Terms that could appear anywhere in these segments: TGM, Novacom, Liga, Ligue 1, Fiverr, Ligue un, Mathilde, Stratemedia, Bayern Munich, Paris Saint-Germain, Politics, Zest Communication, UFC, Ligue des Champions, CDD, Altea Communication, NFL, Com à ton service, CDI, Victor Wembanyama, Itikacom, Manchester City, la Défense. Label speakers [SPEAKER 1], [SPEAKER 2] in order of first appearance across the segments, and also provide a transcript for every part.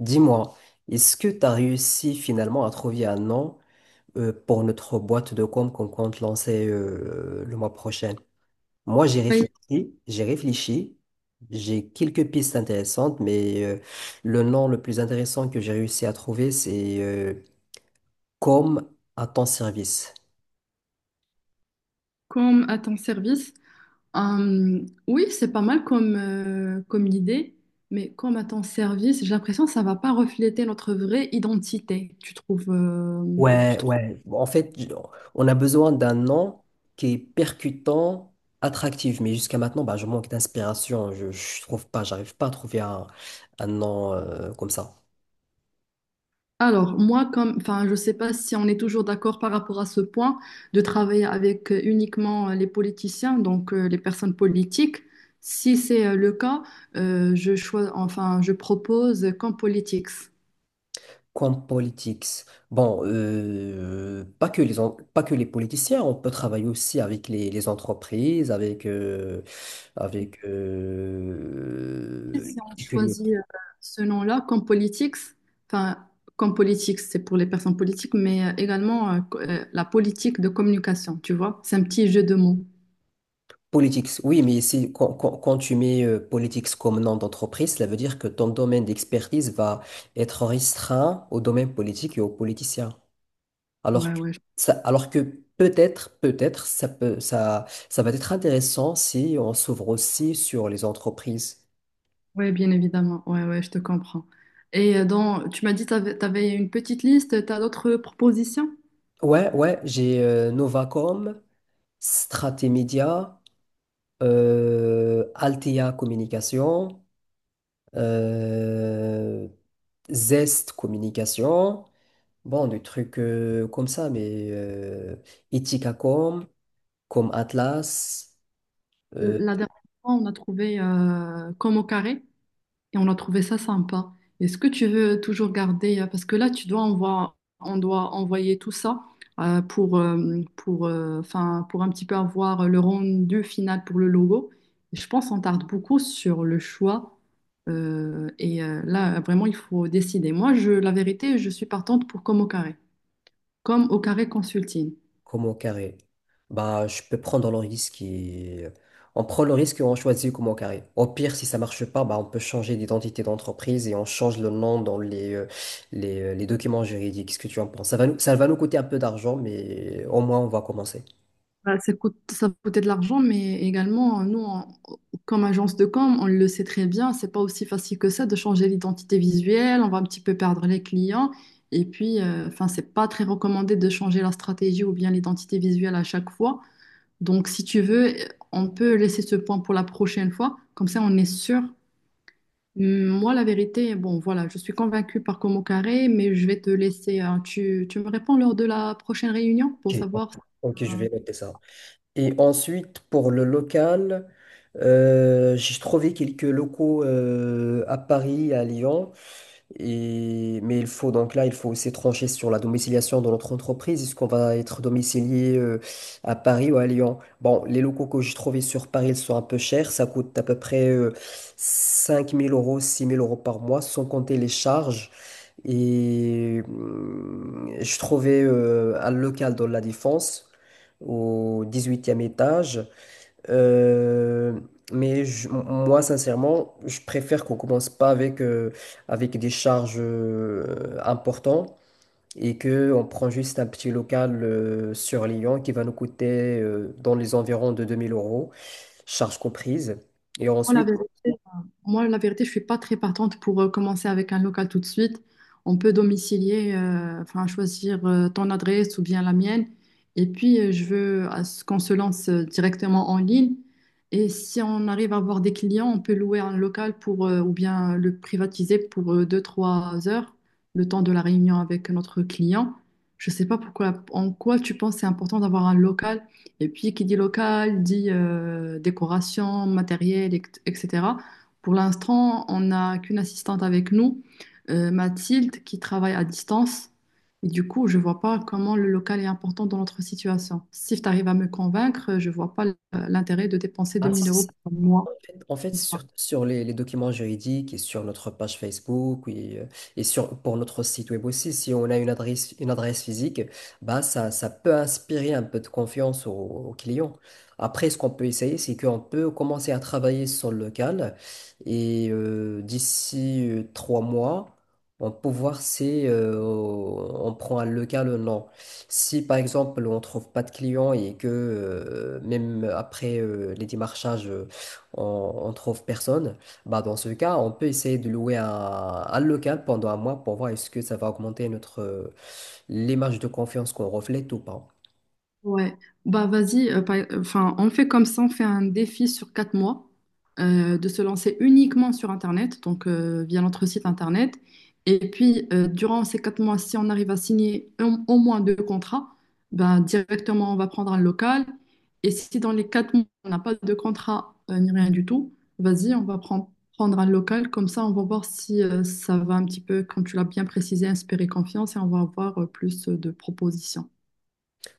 [SPEAKER 1] Dis-moi, est-ce que tu as réussi finalement à trouver un nom pour notre boîte de com qu'on compte lancer le mois prochain? Moi, j'ai
[SPEAKER 2] Ben,
[SPEAKER 1] réfléchi, j'ai réfléchi, j'ai quelques pistes intéressantes, mais le nom le plus intéressant que j'ai réussi à trouver, c'est Com à ton service.
[SPEAKER 2] Comme à ton service. Hum, oui, c'est pas mal comme, comme idée, mais comme à ton service, j'ai l'impression que ça va pas refléter notre vraie identité, tu trouves
[SPEAKER 1] Ouais, ouais. En fait, on a besoin d'un nom qui est percutant, attractif. Mais jusqu'à maintenant, bah, je manque d'inspiration. Je trouve pas, j'arrive pas à trouver un nom comme ça.
[SPEAKER 2] Alors, moi, comme, enfin, je sais pas si on est toujours d'accord par rapport à ce point de travailler avec uniquement les politiciens, donc les personnes politiques. Si c'est le cas, enfin, je propose comme politics.
[SPEAKER 1] Comme politics. Bon, pas que les politiciens. On peut travailler aussi avec les entreprises, avec.
[SPEAKER 2] Si on choisit ce nom-là, comme politics, enfin, comme politics, c'est pour les personnes politiques, mais également la politique de communication, tu vois, c'est un petit jeu de mots.
[SPEAKER 1] Politics, oui, mais si, quand tu mets Politics comme nom d'entreprise, cela veut dire que ton domaine d'expertise va être restreint au domaine politique et aux politiciens. Alors
[SPEAKER 2] Ouais,
[SPEAKER 1] que,
[SPEAKER 2] ouais, je-
[SPEAKER 1] alors que peut-être, peut-être, ça va être intéressant si on s'ouvre aussi sur les entreprises.
[SPEAKER 2] ouais, bien évidemment, ouais, ouais, je te comprends. Et dans, tu m'as dit, tu avais, une petite liste, tu as d'autres propositions?
[SPEAKER 1] Ouais, ouais, j'ai Novacom, Stratemedia, Altea Communication, euh, Zest Communication. Bon, des trucs comme ça, mais Itikacom, comme Atlas, euh,
[SPEAKER 2] La dernière fois, on a trouvé comme au carré. Et on a trouvé ça sympa. Est-ce que tu veux toujours garder, parce que là, tu dois envoyer, on doit envoyer tout ça pour, 'fin, pour un petit peu avoir le rendu final pour le logo. Et je pense qu'on tarde beaucoup sur le choix. Et là, vraiment, il faut décider. Moi, je, la vérité, je suis partante pour comme au carré consulting.
[SPEAKER 1] comme au carré. Bah, je peux prendre le risque et on prend le risque et on choisit comme au carré. Au pire, si ça marche pas, bah, on peut changer d'identité d'entreprise et on change le nom dans les documents juridiques. Qu'est-ce que tu en penses? Ça va nous coûter un peu d'argent, mais au moins on va commencer.
[SPEAKER 2] Bah, ça coûte, ça coûtait de l'argent, mais également, comme agence de com, on le sait très bien, c'est pas aussi facile que ça de changer l'identité visuelle, on va un petit peu perdre les clients, et puis, enfin, c'est pas très recommandé de changer la stratégie ou bien l'identité visuelle à chaque fois. Donc, si tu veux, on peut laisser ce point pour la prochaine fois, comme ça, on est sûr. Moi, la vérité, bon, voilà, je suis convaincue par Como Carré, mais je vais te laisser, hein. Tu me réponds lors de la prochaine réunion pour
[SPEAKER 1] Ok,
[SPEAKER 2] savoir si c'est
[SPEAKER 1] ok, je vais noter ça. Et ensuite, pour le local, j'ai trouvé quelques locaux à Paris, à Lyon. Mais il faut donc là, il faut aussi trancher sur la domiciliation de notre entreprise. Est-ce qu'on va être domicilié à Paris ou à Lyon? Bon, les locaux que j'ai trouvés sur Paris, ils sont un peu chers. Ça coûte à peu près 5 000 euros, 6 000 euros par mois, sans compter les charges. Et je trouvais un local dans la Défense, au 18e étage. Euh, mais moi, sincèrement, je préfère qu'on commence pas avec des charges importantes et qu'on prend juste un petit local sur Lyon qui va nous coûter dans les environs de 2 000 euros, charges comprises. Et
[SPEAKER 2] quoi la
[SPEAKER 1] ensuite,
[SPEAKER 2] vérité. Moi, la vérité, je suis pas très partante pour commencer avec un local tout de suite. On peut domicilier, enfin choisir ton adresse ou bien la mienne. Et puis, je veux à ce qu'on se lance directement en ligne. Et si on arrive à avoir des clients, on peut louer un local pour, ou bien le privatiser pour 2-3 heures, le temps de la réunion avec notre client. Je sais pas pourquoi, en quoi tu penses c'est important d'avoir un local. Et puis, qui dit local, dit décoration, matériel, etc. Pour l'instant, on n'a qu'une assistante avec nous, Mathilde, qui travaille à distance. Et du coup, je ne vois pas comment le local est important dans notre situation. Si tu arrives à me convaincre, je ne vois pas l'intérêt de dépenser 2 000 € par mois.
[SPEAKER 1] en fait, sur les documents juridiques et sur notre page Facebook oui, et pour notre site web aussi, si on a une adresse physique, bah, ça peut inspirer un peu de confiance aux clients. Après, ce qu'on peut essayer, c'est qu'on peut commencer à travailler sur le local et d'ici 3 mois, on peut voir si on prend un local ou non. Si par exemple on trouve pas de clients et que même après les démarchages on, on trouve personne, bah dans ce cas, on peut essayer de louer un local pendant un mois pour voir est-ce que ça va augmenter notre l'image de confiance qu'on reflète ou pas.
[SPEAKER 2] Ouais, bah vas-y, enfin, on fait comme ça, on fait un défi sur 4 mois de se lancer uniquement sur Internet, donc via notre site Internet. Et puis, durant ces 4 mois, si on arrive à signer au moins deux contrats, ben, directement, on va prendre un local. Et si dans les 4 mois, on n'a pas de contrat ni rien du tout, vas-y, on va prendre, prendre un local. Comme ça, on va voir si ça va un petit peu, comme tu l'as bien précisé, inspirer confiance et on va avoir plus de propositions.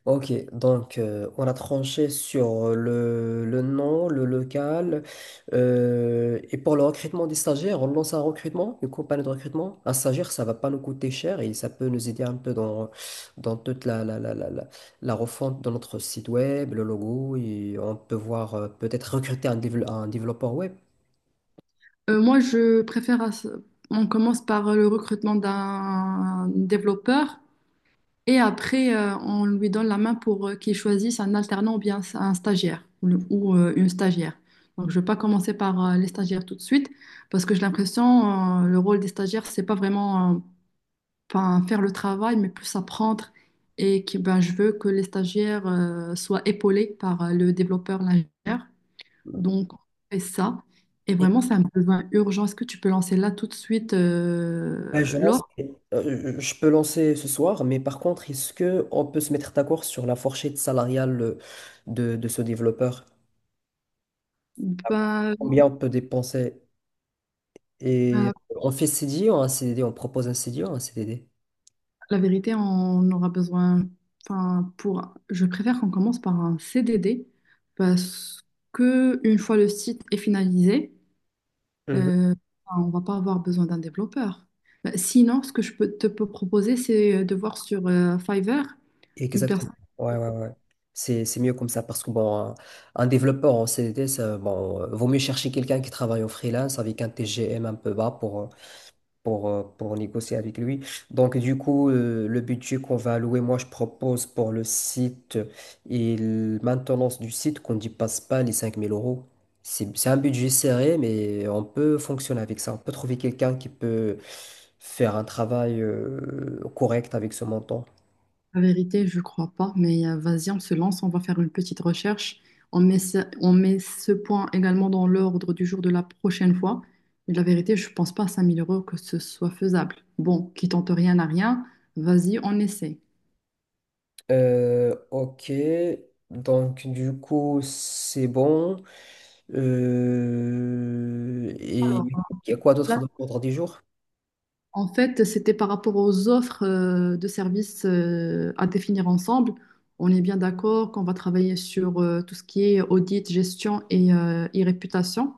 [SPEAKER 1] Ok, donc on a tranché sur le nom, le local. Et pour le recrutement des stagiaires, on lance un recrutement, une compagnie de recrutement. Un stagiaire, ça va pas nous coûter cher et ça peut nous aider un peu dans toute la refonte de notre site web, le logo. Et on peut voir peut-être recruter un développeur web.
[SPEAKER 2] Moi, je préfère, on commence par le recrutement d'un développeur et après, on lui donne la main pour qu'il choisisse un alternant ou bien un stagiaire ou une stagiaire. Donc, je ne vais pas commencer par les stagiaires tout de suite parce que j'ai l'impression, le rôle des stagiaires, c'est pas vraiment enfin, faire le travail, mais plus apprendre. Et que, ben, je veux que les stagiaires soient épaulés par le développeur, l'ingénieur. Donc, on fait ça. Et
[SPEAKER 1] Et,
[SPEAKER 2] vraiment, c'est un besoin urgent. Est-ce que tu peux lancer là tout de suite
[SPEAKER 1] euh, je lance-
[SPEAKER 2] l'offre?
[SPEAKER 1] je peux lancer ce soir, mais par contre, est-ce que on peut se mettre d'accord sur la fourchette salariale de ce développeur?
[SPEAKER 2] Ben,
[SPEAKER 1] Combien on peut dépenser?
[SPEAKER 2] euh,
[SPEAKER 1] Et on fait CDI ou un CDD? On propose un CDI ou un CDD?
[SPEAKER 2] la vérité, on aura besoin. Enfin, pour, je préfère qu'on commence par un CDD parce que une fois le site est finalisé,
[SPEAKER 1] Mhm.
[SPEAKER 2] euh, enfin, on va pas avoir besoin d'un développeur. Ben, sinon, ce que je peux te peux proposer, c'est de voir sur Fiverr une
[SPEAKER 1] Exactement.
[SPEAKER 2] personne.
[SPEAKER 1] Ouais, ouais, ouais. C'est mieux comme ça parce que bon, un développeur en CDD, ça, bon, vaut mieux chercher quelqu'un qui travaille en freelance avec un TGM un peu bas pour négocier avec lui. Donc, du coup, le budget qu'on va allouer, moi, je propose pour le site et la maintenance du site qu'on ne dépasse pas les 5 000 euros. C'est un budget serré, mais on peut fonctionner avec ça. On peut trouver quelqu'un qui peut faire un travail correct avec ce montant.
[SPEAKER 2] La vérité, je crois pas, mais vas-y, on se lance, on va faire une petite recherche. On met ce point également dans l'ordre du jour de la prochaine fois. Et la vérité, je pense pas à 5 000 € que ce soit faisable. Bon, qui tente rien n'a rien, vas-y, on essaie.
[SPEAKER 1] Ok, donc du coup, c'est bon. Et
[SPEAKER 2] Alors,
[SPEAKER 1] il y a quoi
[SPEAKER 2] là,
[SPEAKER 1] d'autre dans l'ordre du jour?
[SPEAKER 2] en fait, c'était par rapport aux offres de services à définir ensemble. On est bien d'accord qu'on va travailler sur tout ce qui est audit, gestion et réputation.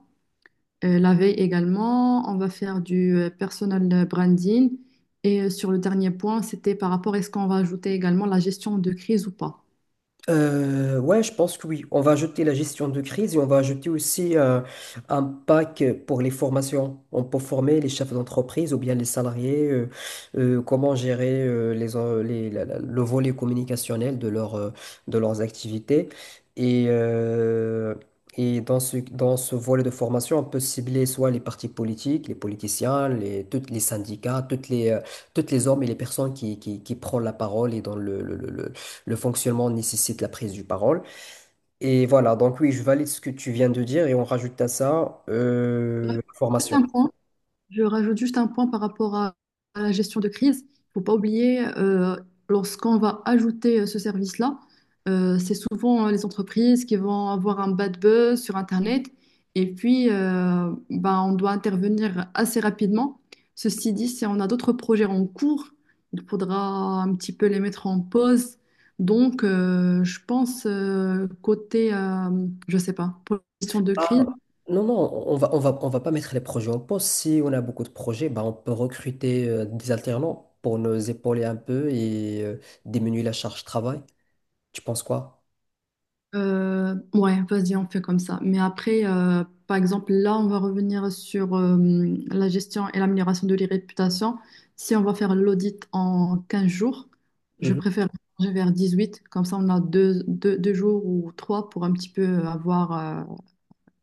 [SPEAKER 2] La veille également, on va faire du personal branding. Et sur le dernier point, c'était par rapport à est-ce qu'on va ajouter également la gestion de crise ou pas.
[SPEAKER 1] Ouais, je pense que oui. On va ajouter la gestion de crise et on va ajouter aussi un pack pour les formations. On peut former les chefs d'entreprise ou bien les salariés, comment gérer les, en- les- la- la- le volet communicationnel de leurs activités. Et, euh, et dans ce volet de formation, on peut cibler soit les partis politiques, les politiciens, tous les syndicats, toutes les hommes et les personnes qui prennent la parole et dans le fonctionnement nécessite la prise du parole. Et voilà, donc oui, je valide ce que tu viens de dire et on rajoute à ça
[SPEAKER 2] Bref,
[SPEAKER 1] la
[SPEAKER 2] juste
[SPEAKER 1] formation.
[SPEAKER 2] un point. Je rajoute juste un point par rapport à la gestion de crise. Il faut pas oublier, lorsqu'on va ajouter ce service-là, c'est souvent les entreprises qui vont avoir un bad buzz sur Internet. Et puis, bah, on doit intervenir assez rapidement. Ceci dit, si on a d'autres projets en cours, il faudra un petit peu les mettre en pause. Donc, je pense, côté, je sais pas, pour la gestion de
[SPEAKER 1] Ah,
[SPEAKER 2] crise,
[SPEAKER 1] non, non, on va pas mettre les projets en pause. Si on a beaucoup de projets, bah, on peut recruter des alternants pour nous épauler un peu et diminuer la charge travail. Tu penses quoi?
[SPEAKER 2] Ouais, vas-y, on fait comme ça. Mais après, par exemple, là, on va revenir sur la gestion et l'amélioration de l'irréputation. Si on va faire l'audit en 15 jours, je préfère changer vers huit. Comme ça, on a deux jours ou trois pour un petit peu avoir euh,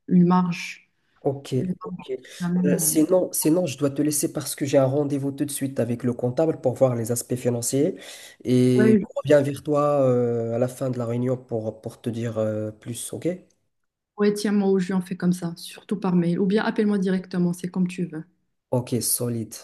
[SPEAKER 2] une marge.
[SPEAKER 1] Ok,
[SPEAKER 2] Une marge,
[SPEAKER 1] ok.
[SPEAKER 2] jamais,
[SPEAKER 1] Euh, sinon, sinon, je dois te laisser parce que j'ai un rendez-vous tout de suite avec le comptable pour voir les aspects financiers. Et
[SPEAKER 2] ouais,
[SPEAKER 1] je reviens vers toi à la fin de la réunion pour te dire plus, ok?
[SPEAKER 2] ouais, tiens-moi au jus, on fait comme ça, surtout par mail. Ou bien appelle-moi directement, c'est comme tu veux.
[SPEAKER 1] Ok, solide.